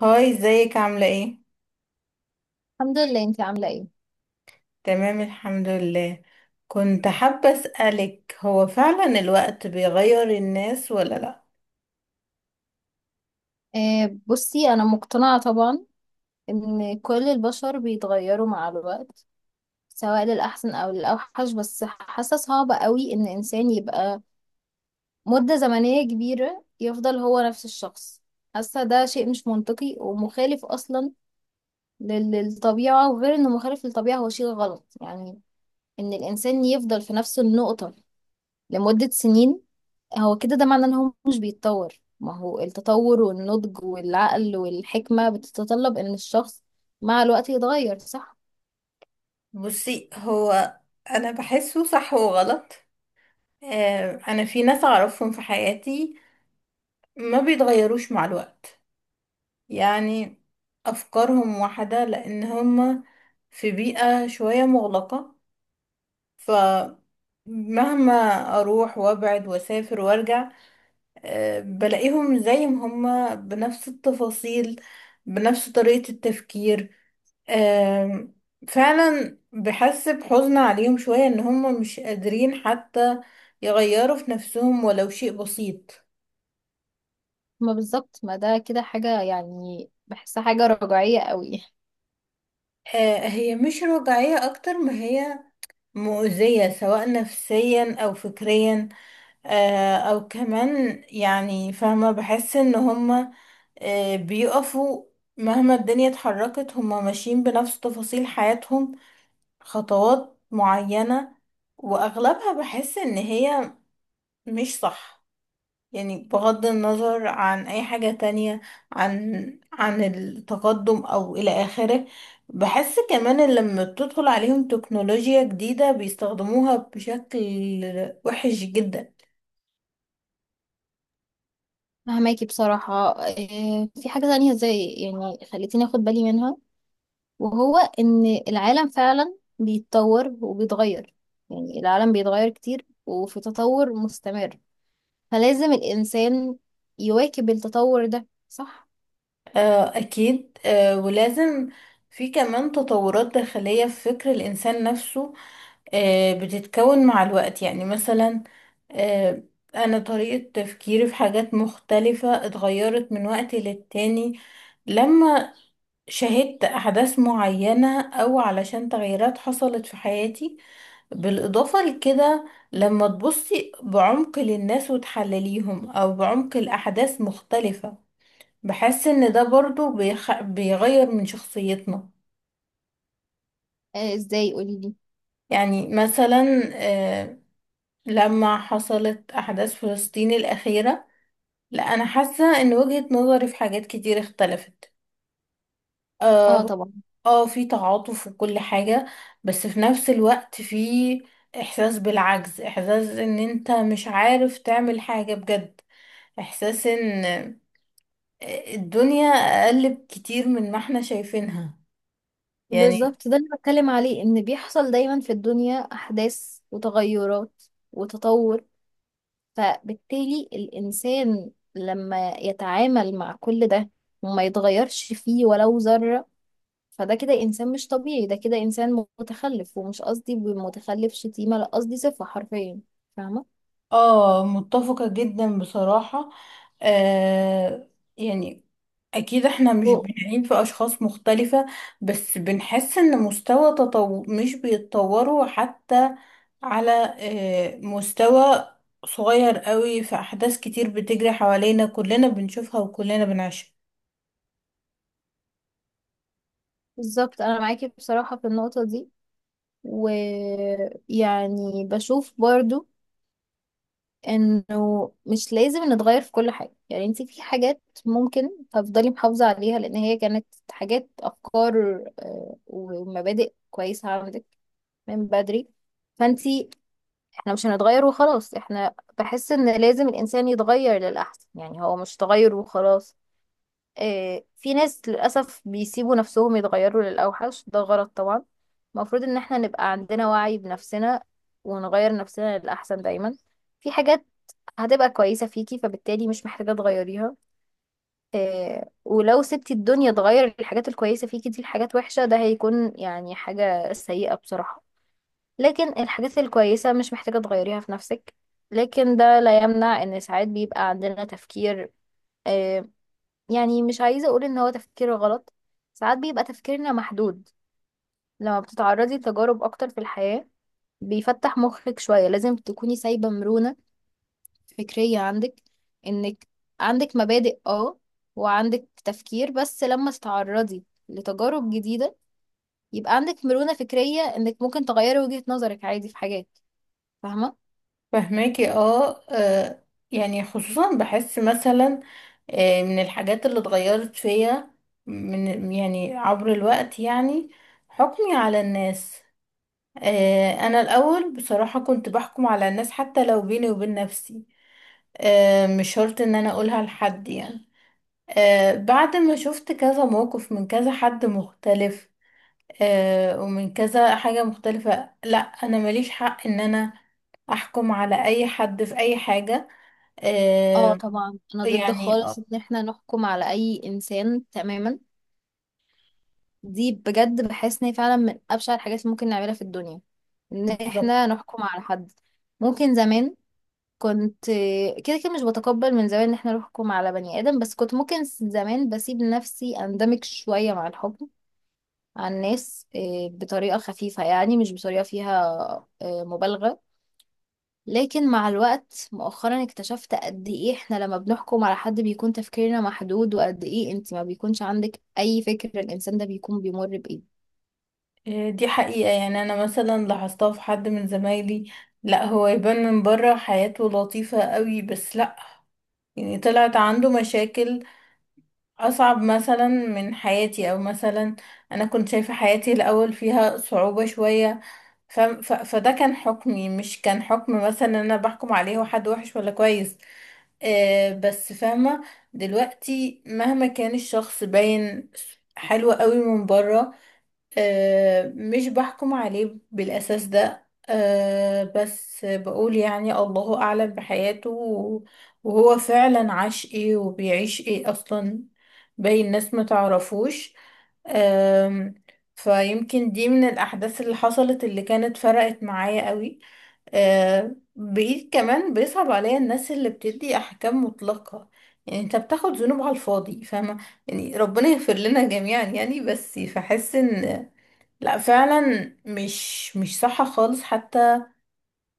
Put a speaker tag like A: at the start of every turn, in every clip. A: هاي، ازيك؟ عاملة ايه؟
B: الحمد لله، انت عاملة ايه؟
A: تمام، الحمد لله. كنت حابة اسألك، هو فعلا الوقت بيغير الناس ولا لا؟
B: بصي انا مقتنعة طبعا ان كل البشر بيتغيروا مع الوقت، سواء للأحسن او للأوحش. بس حاسة صعبة قوي ان انسان يبقى مدة زمنية كبيرة يفضل هو نفس الشخص. حاسة ده شيء مش منطقي ومخالف اصلا للطبيعة، وغير انه مخالف للطبيعة هو شيء غلط يعني. ان الانسان يفضل في نفس النقطة لمدة سنين، هو كده ده معناه ان هو مش بيتطور. ما هو التطور والنضج والعقل والحكمة بتتطلب ان الشخص مع الوقت يتغير، صح؟
A: بصي، هو انا بحسه صح وغلط. آه، انا في ناس اعرفهم في حياتي ما بيتغيروش مع الوقت. يعني افكارهم واحدة لان هما في بيئة شوية مغلقة. فمهما اروح وابعد واسافر وارجع، بلاقيهم زي ما هما، بنفس التفاصيل، بنفس طريقة التفكير. آم، فعلا بحس بحزن عليهم شوية ان هما مش قادرين حتى يغيروا في نفسهم ولو شيء بسيط.
B: ما بالظبط، ما ده كده حاجة يعني بحسها حاجة رجعية قوي.
A: آه، هي مش رجعية اكتر ما هي مؤذية، سواء نفسيا او فكريا. او كمان يعني فاهمة، بحس ان هما بيقفوا مهما الدنيا اتحركت، هما ماشيين بنفس تفاصيل حياتهم، خطوات معينة. وأغلبها بحس إن هي مش صح. يعني بغض النظر عن أي حاجة تانية، عن التقدم أو إلى آخره. بحس كمان إن لما بتدخل عليهم تكنولوجيا جديدة بيستخدموها بشكل وحش جدا.
B: فهماكي بصراحة إيه، في حاجة تانية زي يعني خلتيني اخد بالي منها، وهو ان العالم فعلا بيتطور وبيتغير. يعني العالم بيتغير كتير وفي تطور مستمر، فلازم الانسان يواكب التطور ده، صح؟
A: آه، أكيد. آه، ولازم في كمان تطورات داخلية في فكر الإنسان نفسه، بتتكون مع الوقت. يعني مثلا آه، أنا طريقة تفكيري في حاجات مختلفة اتغيرت من وقت للتاني، لما شهدت أحداث معينة أو علشان تغييرات حصلت في حياتي. بالإضافة لكده، لما تبصي بعمق للناس وتحلليهم أو بعمق الأحداث مختلفة، بحس ان ده برضو بيغير من شخصيتنا.
B: ازاي؟ قولي.
A: يعني مثلا آه، لما حصلت احداث فلسطين الاخيرة، لا انا حاسة ان وجهة نظري في حاجات كتير اختلفت. اه
B: اه
A: هو-
B: طبعا.
A: آه، في تعاطف وكل حاجة. بس في نفس الوقت في احساس بالعجز، احساس ان انت مش عارف تعمل حاجة بجد، احساس ان الدنيا اقل بكتير من ما احنا شايفينها يعني.
B: بالظبط، ده اللي بتكلم عليه، ان بيحصل دايما في الدنيا احداث وتغيرات وتطور، فبالتالي الانسان لما يتعامل مع كل ده وما يتغيرش فيه ولو ذرة، فده كده انسان مش طبيعي، ده كده انسان متخلف. ومش قصدي بمتخلف شتيمة، لا قصدي صفة حرفيا، فاهمة؟
A: اه، متفقة جدا بصراحة. آه، يعني اكيد احنا مش
B: و-
A: بنعين في اشخاص مختلفة. بس بنحس ان مش بيتطوروا حتى على مستوى صغير قوي، في احداث كتير بتجري حوالينا كلنا بنشوفها وكلنا بنعيشها.
B: بالظبط انا معاكي بصراحة في النقطة دي. ويعني بشوف برضو انه مش لازم نتغير في كل حاجة، يعني انت في حاجات ممكن تفضلي محافظة عليها، لان هي كانت حاجات، افكار ومبادئ كويسة عندك من بدري. فانت، احنا مش هنتغير وخلاص، احنا بحس ان لازم الانسان يتغير للاحسن، يعني هو مش تغير وخلاص. في ناس للاسف بيسيبوا نفسهم يتغيروا للاوحش، ده غلط طبعا. المفروض ان احنا نبقى عندنا وعي بنفسنا ونغير نفسنا للاحسن دايما. في حاجات هتبقى كويسة فيكي، فبالتالي مش محتاجة تغيريها. آه، ولو سبتي الدنيا تغير الحاجات الكويسة فيكي دي لحاجات وحشة، ده هيكون يعني حاجة سيئة بصراحة. لكن الحاجات الكويسة مش محتاجة تغيريها في نفسك. لكن ده لا يمنع ان ساعات بيبقى عندنا تفكير، آه، يعني مش عايزة اقول ان هو تفكير غلط، ساعات بيبقى تفكيرنا محدود. لما بتتعرضي لتجارب اكتر في الحياة، بيفتح مخك شوية. لازم تكوني سايبة مرونة فكرية عندك، انك عندك مبادئ، اه، وعندك تفكير، بس لما تتعرضي لتجارب جديدة، يبقى عندك مرونة فكرية انك ممكن تغيري وجهة نظرك عادي في حاجات، فاهمة؟
A: فهماكي. اه، آه، يعني خصوصا بحس مثلا من الحاجات اللي اتغيرت فيا من، يعني عبر الوقت، يعني حكمي على الناس. آه، انا الاول بصراحة كنت بحكم على الناس حتى لو بيني وبين نفسي. مش شرط ان انا اقولها لحد يعني. بعد ما شفت كذا موقف من كذا حد مختلف ومن كذا حاجة مختلفة، لا انا ماليش حق ان انا احكم على اي حد في اي حاجة.
B: اه
A: آه،
B: طبعا. انا ضد
A: يعني.
B: خالص
A: آه،
B: ان احنا نحكم على اي انسان تماما. دي بجد بحس ان هي فعلا من ابشع الحاجات اللي ممكن نعملها في الدنيا، ان
A: بالظبط.
B: احنا نحكم على حد. ممكن زمان كنت، كده كده مش بتقبل من زمان ان احنا نحكم على بني ادم، بس كنت ممكن زمان بسيب لنفسي اندمج شوية مع الحكم على الناس بطريقة خفيفة، يعني مش بطريقة فيها مبالغة. لكن مع الوقت مؤخرا اكتشفت قد ايه احنا لما بنحكم على حد بيكون تفكيرنا محدود، وقد ايه انت ما بيكونش عندك اي فكر الانسان ده بيكون بيمر بايه.
A: آه، دي حقيقة، يعني أنا مثلا لاحظتها في حد من زمايلي، لا هو يبان من بره حياته لطيفة قوي، بس لا، يعني طلعت عنده مشاكل أصعب مثلا من حياتي، أو مثلا أنا كنت شايفة حياتي الأول فيها صعوبة شوية. فده كان حكمي، مش كان حكم مثلا ان انا بحكم عليه هو حد وحش ولا كويس. آه، بس فاهمة دلوقتي، مهما كان الشخص باين حلو قوي من بره، آه، مش بحكم عليه بالاساس ده. آه، بس بقول يعني الله اعلم بحياته وهو فعلا عاش ايه وبيعيش ايه اصلا. باين ناس ما تعرفوش. أم، فيمكن دي من الأحداث اللي حصلت، اللي كانت فرقت معايا قوي. بقيت كمان بيصعب عليا الناس اللي بتدي أحكام مطلقة. يعني انت بتاخد ذنوب على الفاضي، فاهمة، يعني ربنا يغفر لنا جميعا يعني. بس فحس ان لا، فعلا مش صح خالص حتى،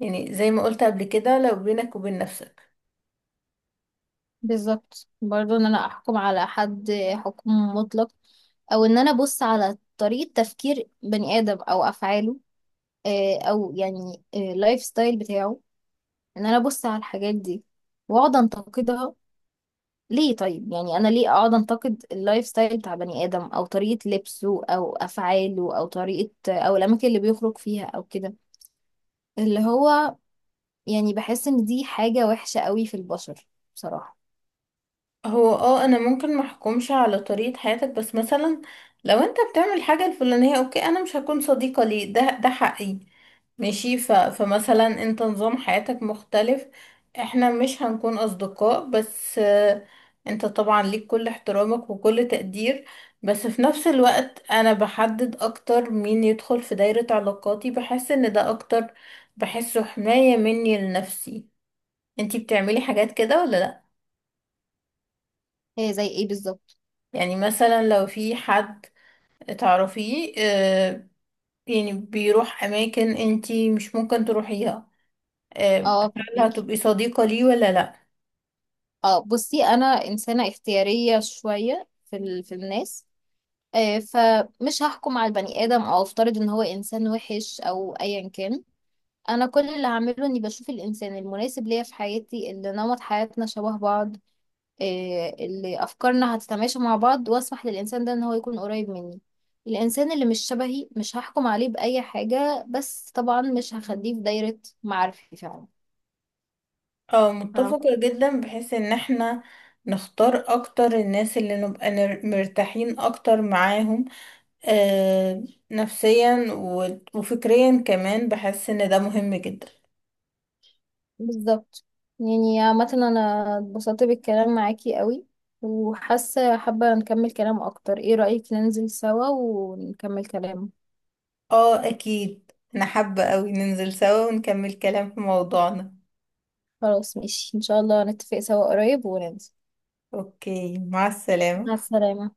A: يعني زي ما قلت قبل كده، لو بينك وبين نفسك.
B: بالظبط، برضو ان انا احكم على حد حكم مطلق، او ان انا ابص على طريقة تفكير بني ادم او افعاله او يعني اللايف ستايل بتاعه، ان انا ابص على الحاجات دي واقعد انتقدها. ليه؟ طيب يعني انا ليه اقعد انتقد اللايف ستايل بتاع بني ادم، او طريقة لبسه، او افعاله، او طريقة، او الاماكن اللي بيخرج فيها، او كده. اللي هو يعني بحس ان دي حاجة وحشة قوي في البشر بصراحة.
A: هو اه، انا ممكن ما احكمش على طريقة حياتك، بس مثلا لو انت بتعمل الحاجة الفلانية، اوكي، انا مش هكون صديقة ليه. ده حقي، ماشي. فمثلا انت نظام حياتك مختلف، احنا مش هنكون اصدقاء. بس آه، انت طبعا ليك كل احترامك وكل تقدير. بس في نفس الوقت انا بحدد اكتر مين يدخل في دايرة علاقاتي. بحس ان ده اكتر، بحسه حماية مني لنفسي. انتي بتعملي حاجات كده ولا لا؟
B: هي زي ايه بالظبط؟
A: يعني مثلا لو في حد تعرفيه، آه، يعني بيروح أماكن انتي مش ممكن تروحيها، آه،
B: اه
A: هل
B: فهمك.
A: هتبقي صديقة ليه ولا لأ؟
B: اه بصي، انا انسانه اختياريه شويه في في الناس، فمش هحكم على البني ادم او افترض ان هو انسان وحش او ايا كان. انا كل اللي هعمله اني بشوف الانسان المناسب ليا في حياتي، اللي نمط حياتنا شبه بعض، اللي افكارنا هتتماشى مع بعض، واسمح للانسان ده ان هو يكون قريب مني. الانسان اللي مش شبهي مش هحكم عليه باي حاجه، بس طبعا مش هخليه في دايره معارفي فعلا.
A: اه، متفقة جدا، بحيث ان احنا نختار اكتر الناس اللي نبقى مرتاحين اكتر معاهم، آه، نفسيا وفكريا كمان، بحس ان ده مهم جدا.
B: بالظبط. يعني عامة، أنا اتبسطت بالكلام معاكي قوي، وحاسة حابة نكمل كلام أكتر. ايه رأيك ننزل سوا ونكمل كلام؟
A: اه، اكيد انا حابة اوي ننزل سوا ونكمل كلام في موضوعنا.
B: خلاص، ماشي، إن شاء الله نتفق سوا قريب وننزل.
A: اوكي، مع
B: مع
A: السلامة.
B: السلامة.